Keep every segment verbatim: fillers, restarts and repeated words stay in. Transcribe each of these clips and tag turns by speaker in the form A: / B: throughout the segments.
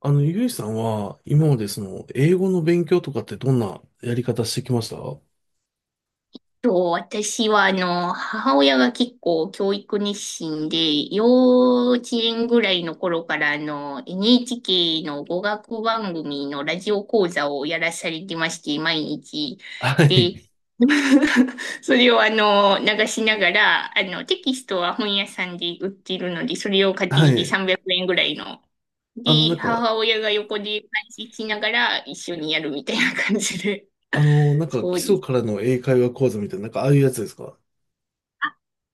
A: あの、ゆいさんは、今までその、英語の勉強とかってどんなやり方してきました？は
B: と、私は、あの、母親が結構教育熱心で、幼稚園ぐらいの頃から、あの、エヌエイチケー の語学番組のラジオ講座をやらされてまして、毎日。
A: い。
B: で、それをあの、流しながら、あの、テキストは本屋さんで売っているので、それを買って
A: は
B: きて
A: い。
B: さんびゃくえんぐらいの。
A: あの、な
B: で、
A: んか、
B: 母親が横で配信しながら一緒にやるみたいな感じで。
A: あ の、なんか、基
B: そうで
A: 礎
B: す。
A: からの英会話講座みたいな、なんか、ああいうやつですか？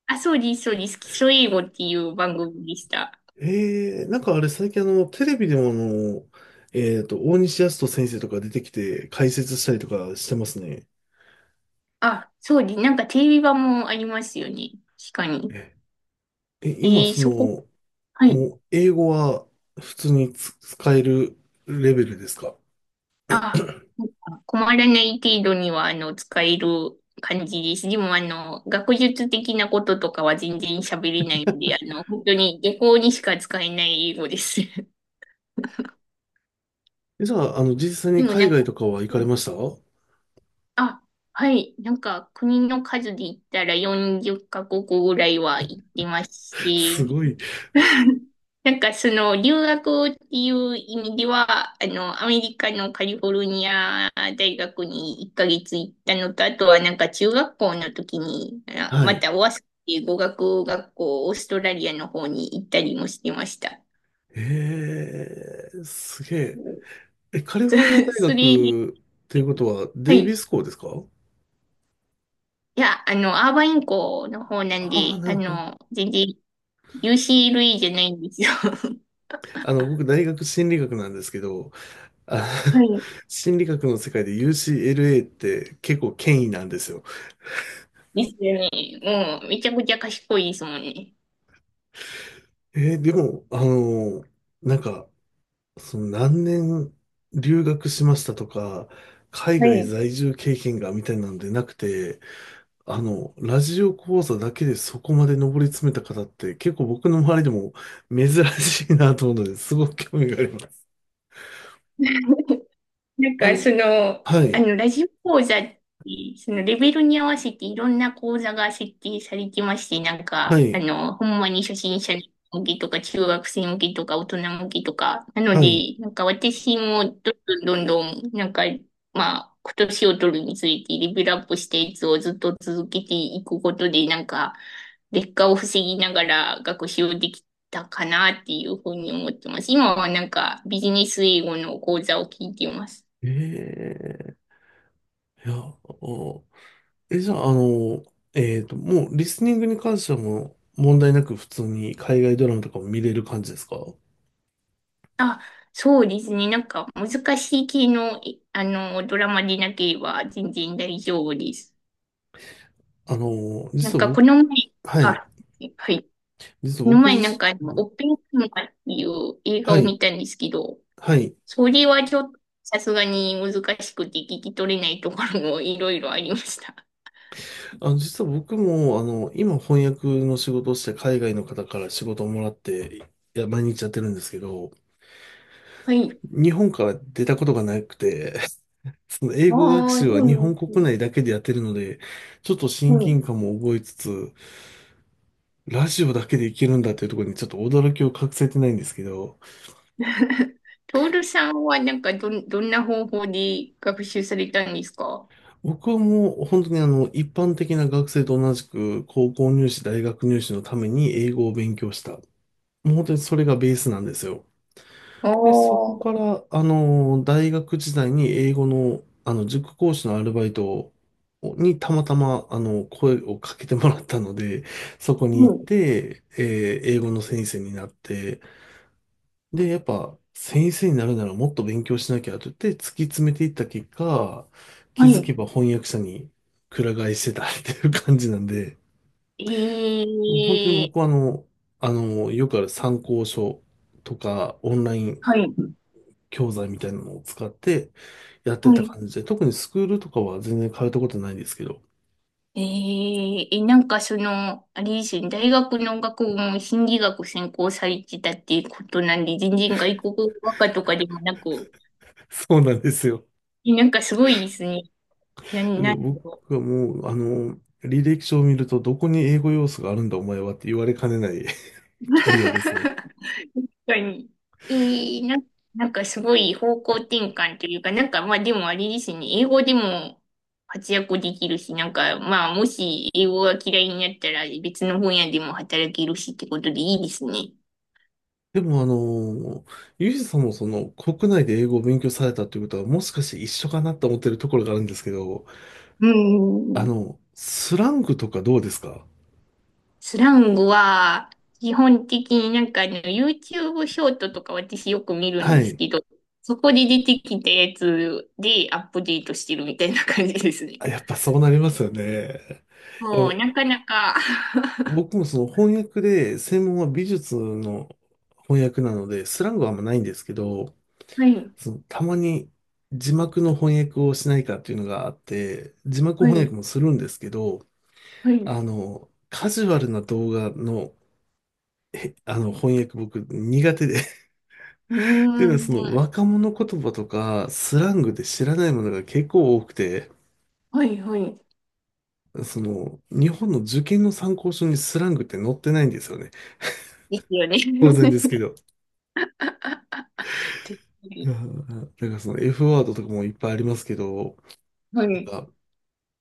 B: あ、そうです、そうです。基礎英語っていう番組でした。
A: ええー、なんかあれ、最近あの、テレビでもあの、えっと、大西康人先生とか出てきて、解説したりとかしてますね。
B: あ、そうです。なんかテレビ版もありますよね。確かに。
A: え、え今、
B: えー、
A: そ
B: そこ、
A: の、
B: はい。
A: もう、英語は、普通につ使えるレベルですか？
B: あ、なんか困らない程度には、あの、使える感じです。でも、あの、学術的なこととかは全然喋れないので、あの、本当に下校にしか使えない英語です。
A: えじゃあ、あの、実際
B: で
A: に
B: も、
A: 海
B: なんか、
A: 外とかは行か
B: う
A: れ
B: ん、
A: ました？
B: あ、はい。なんか、国の数で言ったらよんじゅうカ国ぐらいは行ってまし
A: すごい。
B: て、なんかその留学っていう意味では、あの、アメリカのカリフォルニア大学にいっかげつ行ったのと、あとはなんか中学校の時に、あ
A: は
B: ま
A: い。
B: たオアスっていう語学学校、オーストラリアの方に行ったりもしてました。
A: えー、すげえ。え、カリ
B: そ
A: フォルニア大
B: それ、
A: 学ということは、
B: は
A: デイビ
B: い。
A: ス校ですか？
B: いや、あの、アーバイン校の方なん
A: ああ
B: で、
A: な
B: あ
A: るほど。
B: の、全然 ユーシーエルエー じゃないんですよ。
A: あの、僕、大学心理学なんですけど、
B: は
A: あ、
B: い。
A: 心理学の世界で ユーシーエルエー って結構権威なんですよ。
B: ですよね。もう、めちゃくちゃ賢いですもんね。
A: えーでも、あのなんか、その何年留学しましたとか、海
B: は
A: 外
B: い。
A: 在住経験がみたいなのでなくて、あの、ラジオ講座だけでそこまで上り詰めた方って結構僕の周りでも珍しいなと思うので、すごく興味があります。
B: なん
A: あ
B: か、そ
A: の、
B: の、
A: は
B: あ
A: い、
B: の、ラジオ講座って、そのレベルに合わせていろんな講座が設定されてまして、なん
A: は
B: か、あ
A: い、
B: の、ほんまに初心者向けとか、中学生向けとか、大人向けとか、なの
A: はい。
B: で、なんか私もどんどんどんどん、なんか、まあ、今年を取るにつれてレベルアップしたやつをずっと続けていくことで、なんか、劣化を防ぎながら学習できたかなっていうふうに思ってます。今はなんかビジネス英語の講座を聞いています。
A: ええいや、おえ、じゃあ、あの、えっと、もうリスニングに関してはもう問題なく普通に海外ドラマとかも見れる感じですか？
B: あ、そうですね。なんか難しい系の、いあの、ドラマでなければ全然大丈夫です。
A: あの、
B: なん
A: 実は
B: か
A: 僕、
B: この前、
A: は
B: あ、
A: い、
B: はい。
A: 実
B: こ
A: は
B: の
A: 僕
B: 前なん
A: 自
B: かあ
A: 身、
B: の、オッペンハイマーっていう映画
A: は
B: を
A: い、
B: 見たんですけど、
A: はい。
B: それはちょっとさすがに難しくて聞き取れないところもいろいろありました。
A: あの、実は僕も、あの、今翻訳の仕事をして海外の方から仕事をもらって、いや、毎日やってるんですけど、
B: はい。
A: 日本から出たことがなくて、その英語学
B: ああ、
A: 習は日
B: そう
A: 本
B: です
A: 国
B: ね。
A: 内だけでやってるので、ちょっと親
B: はい。
A: 近感も覚えつつ、ラジオだけでいけるんだっていうところにちょっと驚きを隠せてないんですけど、
B: トールさんはなんかどん、どんな方法で学習されたんですか？
A: 僕はもう本当にあの、一般的な学生と同じく高校入試、大学入試のために英語を勉強した。もう本当にそれがベースなんですよ。
B: ああ
A: で、そこ
B: ー、
A: から、あの、大学時代に英語の、あの、塾講師のアルバイトにたまたま、あの、声をかけてもらったので、そこに
B: う
A: 行っ
B: ん。
A: て、えー英語の先生になって、で、やっぱ、先生になるならもっと勉強しなきゃと言って突き詰めていった結果、気
B: は
A: づけ
B: い。
A: ば翻訳者にくら替えしてたっていう感じなんで、もう本当に僕はあ
B: ええ、
A: の、あの、よくある参考書とか、オンライン
B: はい。
A: 教材みたいなのを使って、やって
B: は
A: た
B: い。
A: 感じで、特にスクールとかは全然通ったことないんですけど、
B: えええ、なんかその、あれですよね、大学の学部も心理学専攻されてたっていうことなんで、全然外国語学科とかでもなく、
A: そうなんですよ。
B: えなんかすごいですね。な、
A: け
B: な
A: ど
B: んだ
A: 僕
B: ろう。
A: はもう、あの、履歴書を見ると、どこに英語要素があるんだお前はって言われかねない キャリアですね。
B: 確かに。ええ、な、なんかすごい方向転換というか、なんかまあでもあれですね、英語でも活躍できるし、なんかまあもし英語が嫌いになったら別の分野でも働けるしってことでいいですね。
A: でも、あの、ユージさんもその国内で英語を勉強されたということは、もしかして一緒かなと思ってるところがあるんですけど、
B: う
A: あ
B: ん。
A: の、スラングとかどうですか？
B: スラングは、基本的になんかね、YouTube ショートとか私よく見るん
A: は
B: です
A: い。
B: けど、そこで出てきたやつでアップデートしてるみたいな感じですね。
A: あやっぱそうなりますよね。いや
B: もう、なかなか。
A: 僕もその翻訳で、専門は美術の翻訳なので、スラングはあんまないんですけど、
B: はい、
A: そのたまに字幕の翻訳をしないかっていうのがあって、字幕
B: は
A: 翻
B: い、
A: 訳もするんですけど、
B: はい。う
A: あの、カジュアルな動画の、あの翻訳僕苦手で っ
B: ー
A: ていうのは その
B: ん、
A: 若者言葉とかスラングで知らないものが結構多くて、
B: はい、はい。
A: その日本の受験の参考書にスラングって載ってないんですよね。
B: ですよね。
A: 当然ですけ ど。
B: 絶
A: い
B: 対。
A: やなんかその エフ ワードとかもいっぱいありますけど、
B: はい。
A: なんか、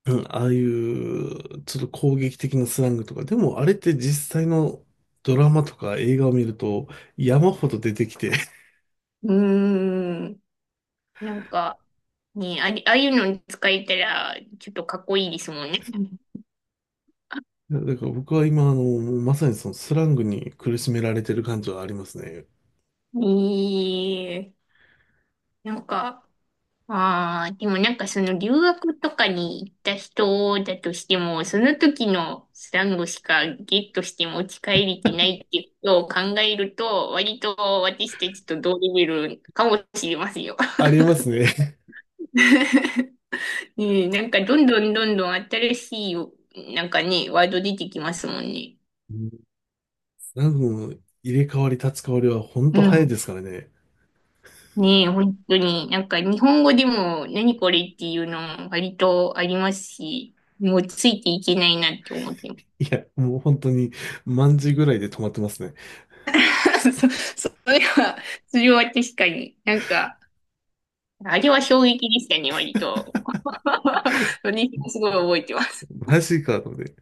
A: うん、ああいうちょっと攻撃的なスラングとか、でもあれって実際のドラマとか映画を見ると山ほど出てきて、
B: うーん。なんか、ね、あれ、ああいうのに使えたら、ちょっとかっこいいですもんね。
A: だから僕は今、あの、もうまさにそのスラングに苦しめられてる感じはありますね。
B: ええ、なんか、ああ、でもなんかその留学とかに行った人だとしても、その時のスラングしかゲットして持ち帰れてないっていうことを考えると、割と私たちと同レベルかもしれませんよ。
A: ありますね。
B: ねえ、なんかどんどんどんどん新しい、なんかね、ワード出てきますもんね。
A: うん。スラングの入れ替わり立ち替わりは本
B: う
A: 当早い
B: ん。
A: ですからね。
B: ねえ、本当に、なんか日本語でも何これっていうの割とありますし、もうついていけないなって思ってま
A: いや、もう本当に、万字ぐらいで止まってますね。
B: す。そ、それは、それは確かに、なんか、あれは衝撃でしたね、割と。私もすごい覚えてます。
A: マジかと思って。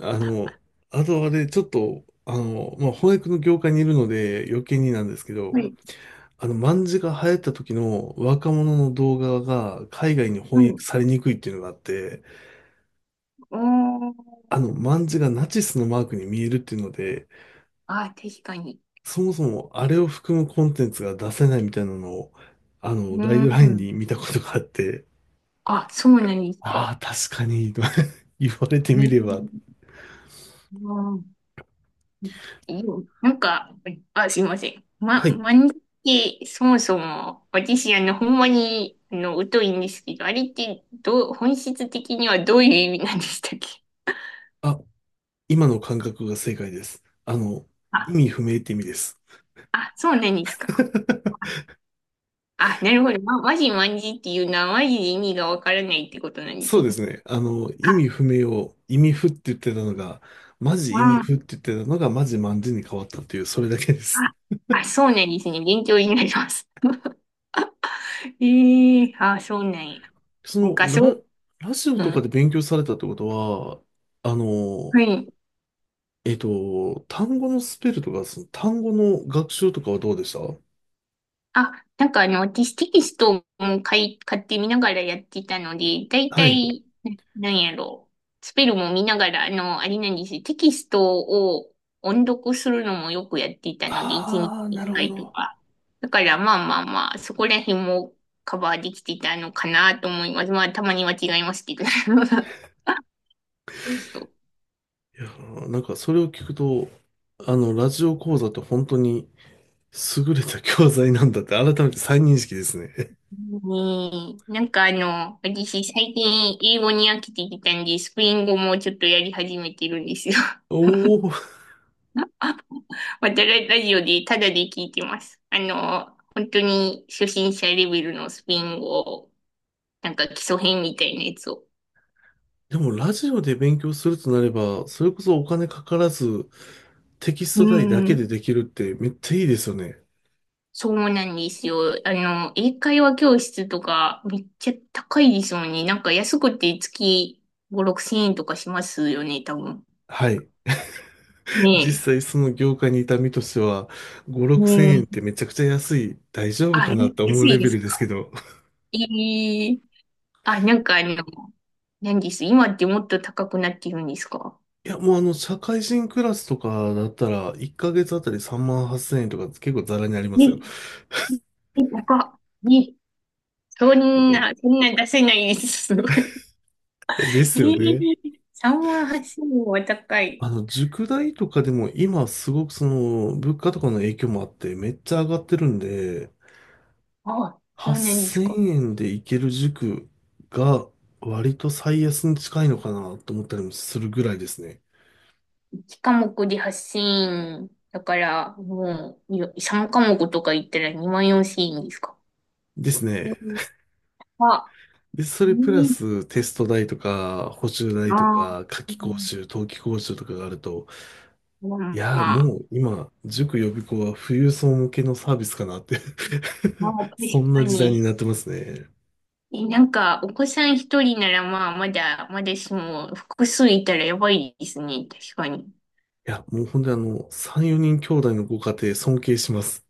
A: あの、あとあれ、ちょっと、あの、まあ、翻訳の業界にいるので余計になんですけど、
B: はい。
A: あの、卍が流行った時の若者の動画が海外に
B: は
A: 翻訳
B: い。
A: されにくいっていうのがあって、
B: おー。
A: あの、卍がナチスのマークに見えるっていうので、
B: あ、確かに。
A: そもそもあれを含むコンテンツが出せないみたいなのを、あの、
B: う
A: ガイドライン
B: ん。
A: に見たことがあって、
B: あ、そうなんです
A: ああ、
B: か。
A: 確かに、と 言われて
B: ね
A: みれば、
B: え。うん。うなんか、あ、すいません。ま、
A: はい。
B: 漫画ってそもそも、私、あの、ほんまに、あの、疎いんですけど、あれって、どう、本質的にはどういう意味なんでしたっけ？
A: あ、今の感覚が正解です。あの、意
B: あ、
A: 味不明って意味です。
B: あ、そうなんですか。あ、なるほど。ま、マジマンジっていうのは、マジで意味がわからないってことなんです
A: そうで
B: ね。
A: すね。あの、意味
B: あ、
A: 不明を意味不って言ってたのが、マジ意味
B: あ、
A: 不って言ってたのが、マジマンジに変わったっていう、それだけです。
B: あ、あ、そうなんですね。勉強になります。ええ、あ、そうなんや。
A: そ
B: なん
A: の、
B: か、そう、
A: ラ、ラジオ
B: う
A: とか
B: ん。
A: で勉強されたってことは、あ
B: は
A: の、
B: い。
A: えっと、単語のスペルとか、その単語の学習とかはどうでした？
B: あ、なんかあの、私テキストも買い、買ってみながらやってたので、だい
A: は
B: た
A: い。
B: い、ななんやろう。スペルも見ながら、あの、あれなんですよ。テキストを音読するのもよくやっていたので、いちにち
A: ああ、な
B: 1
A: るほ
B: 回と
A: ど。
B: か。だからまあまあまあ、そこら辺もカバーできてたのかなと思います。まあ、たまには違いますけど。そう、
A: いやー、なんかそれを聞くと、あの、ラジオ講座って本当に優れた教材なんだって改めて再認識ですね。
B: ねえ、なんかあの、私最近英語に飽きてきたんで、スペイン語もちょっとやり始めてるんですよ。
A: おお。
B: またララジオでタダで聞いてます。あの、本当に初心者レベルのスペイン語、なんか基礎編みたいなやつを。
A: でもラジオで勉強するとなれば、それこそお金かからず、テキス
B: う
A: ト代だけ
B: ん。
A: でできるってめっちゃいいですよね。
B: そうなんですよ。あの、英会話教室とかめっちゃ高いですもんね。なんか安くて月ご、ろくせん円とかしますよね、多分。
A: はい。実
B: ね
A: 際その業界にいた身としては、ご、
B: え。
A: ろくせん
B: う
A: 円って
B: ん。
A: めちゃくちゃ安い、大丈夫
B: あ、
A: か
B: え
A: なって思う
B: 安
A: レ
B: いで
A: ベ
B: す
A: ルですけ
B: か？
A: ど。
B: ええ、あ、なんかあの、何です。今ってもっと高くなってるんですか？
A: いや、もうあの、社会人クラスとかだったら、いっかげつあたりさんまんはっせん えんとか結構ザラにありますよ。
B: ね、え、高っ。ね、そんな、そんな出せないです。すごい。
A: え
B: え
A: ですよね。
B: ー、さんまんはっせんは高い。
A: あの、塾代とかでも今すごくその、物価とかの影響もあってめっちゃ上がってるんで、
B: あ、そうなんです
A: 8000
B: か。
A: 円で行ける塾が割と最安に近いのかなと思ったりもするぐらいですね。
B: いち科目ではっせんだから、もう、いさん科目とか言ったらにまんよんせんえんですか？
A: です
B: う
A: ね。
B: ん、あ、
A: で、そ
B: う
A: れプラ
B: ん、
A: ステスト代とか補習代
B: あ
A: と
B: あ、
A: か夏
B: う
A: 季講
B: ん、
A: 習、冬季講習とかがあると、
B: ま
A: い
B: あ、
A: やー
B: まあ、
A: もう今、塾予備校は富裕層向けのサービスかなって
B: まあ 確
A: そん
B: か
A: な時代
B: に。
A: になってますね。
B: え、なんか、お子さん一人ならまあ、まだ、まだしも、複数いたらやばいですね。確かに。
A: いや、もう本当にあの、さん、よにん兄弟のご家庭尊敬します。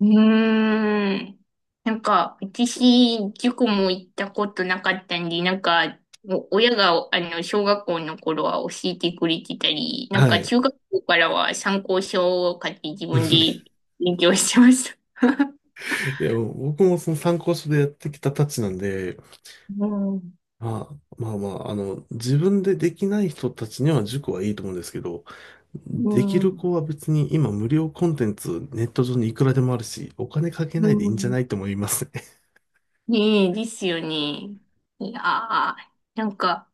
B: うーん。なんか、私、塾も行ったことなかったんで、なんか、お親が、あの、小学校の頃は教えてくれてたり、なん
A: は
B: か、
A: い。
B: 中学校からは参考書を買って自分で 勉強してました。
A: いや、もう僕もその参考書でやってきたたちなんで、
B: うん。
A: まあ、まあまあ、あの、自分でできない人たちには塾はいいと思うんですけど、
B: う
A: できる
B: ん。
A: 子は別に今無料コンテンツネット上にいくらでもあるし、お金かけ
B: う
A: ないでいいんじゃな
B: ん。
A: いと思いますね。
B: ねえ、ですよね。いやー、なんか、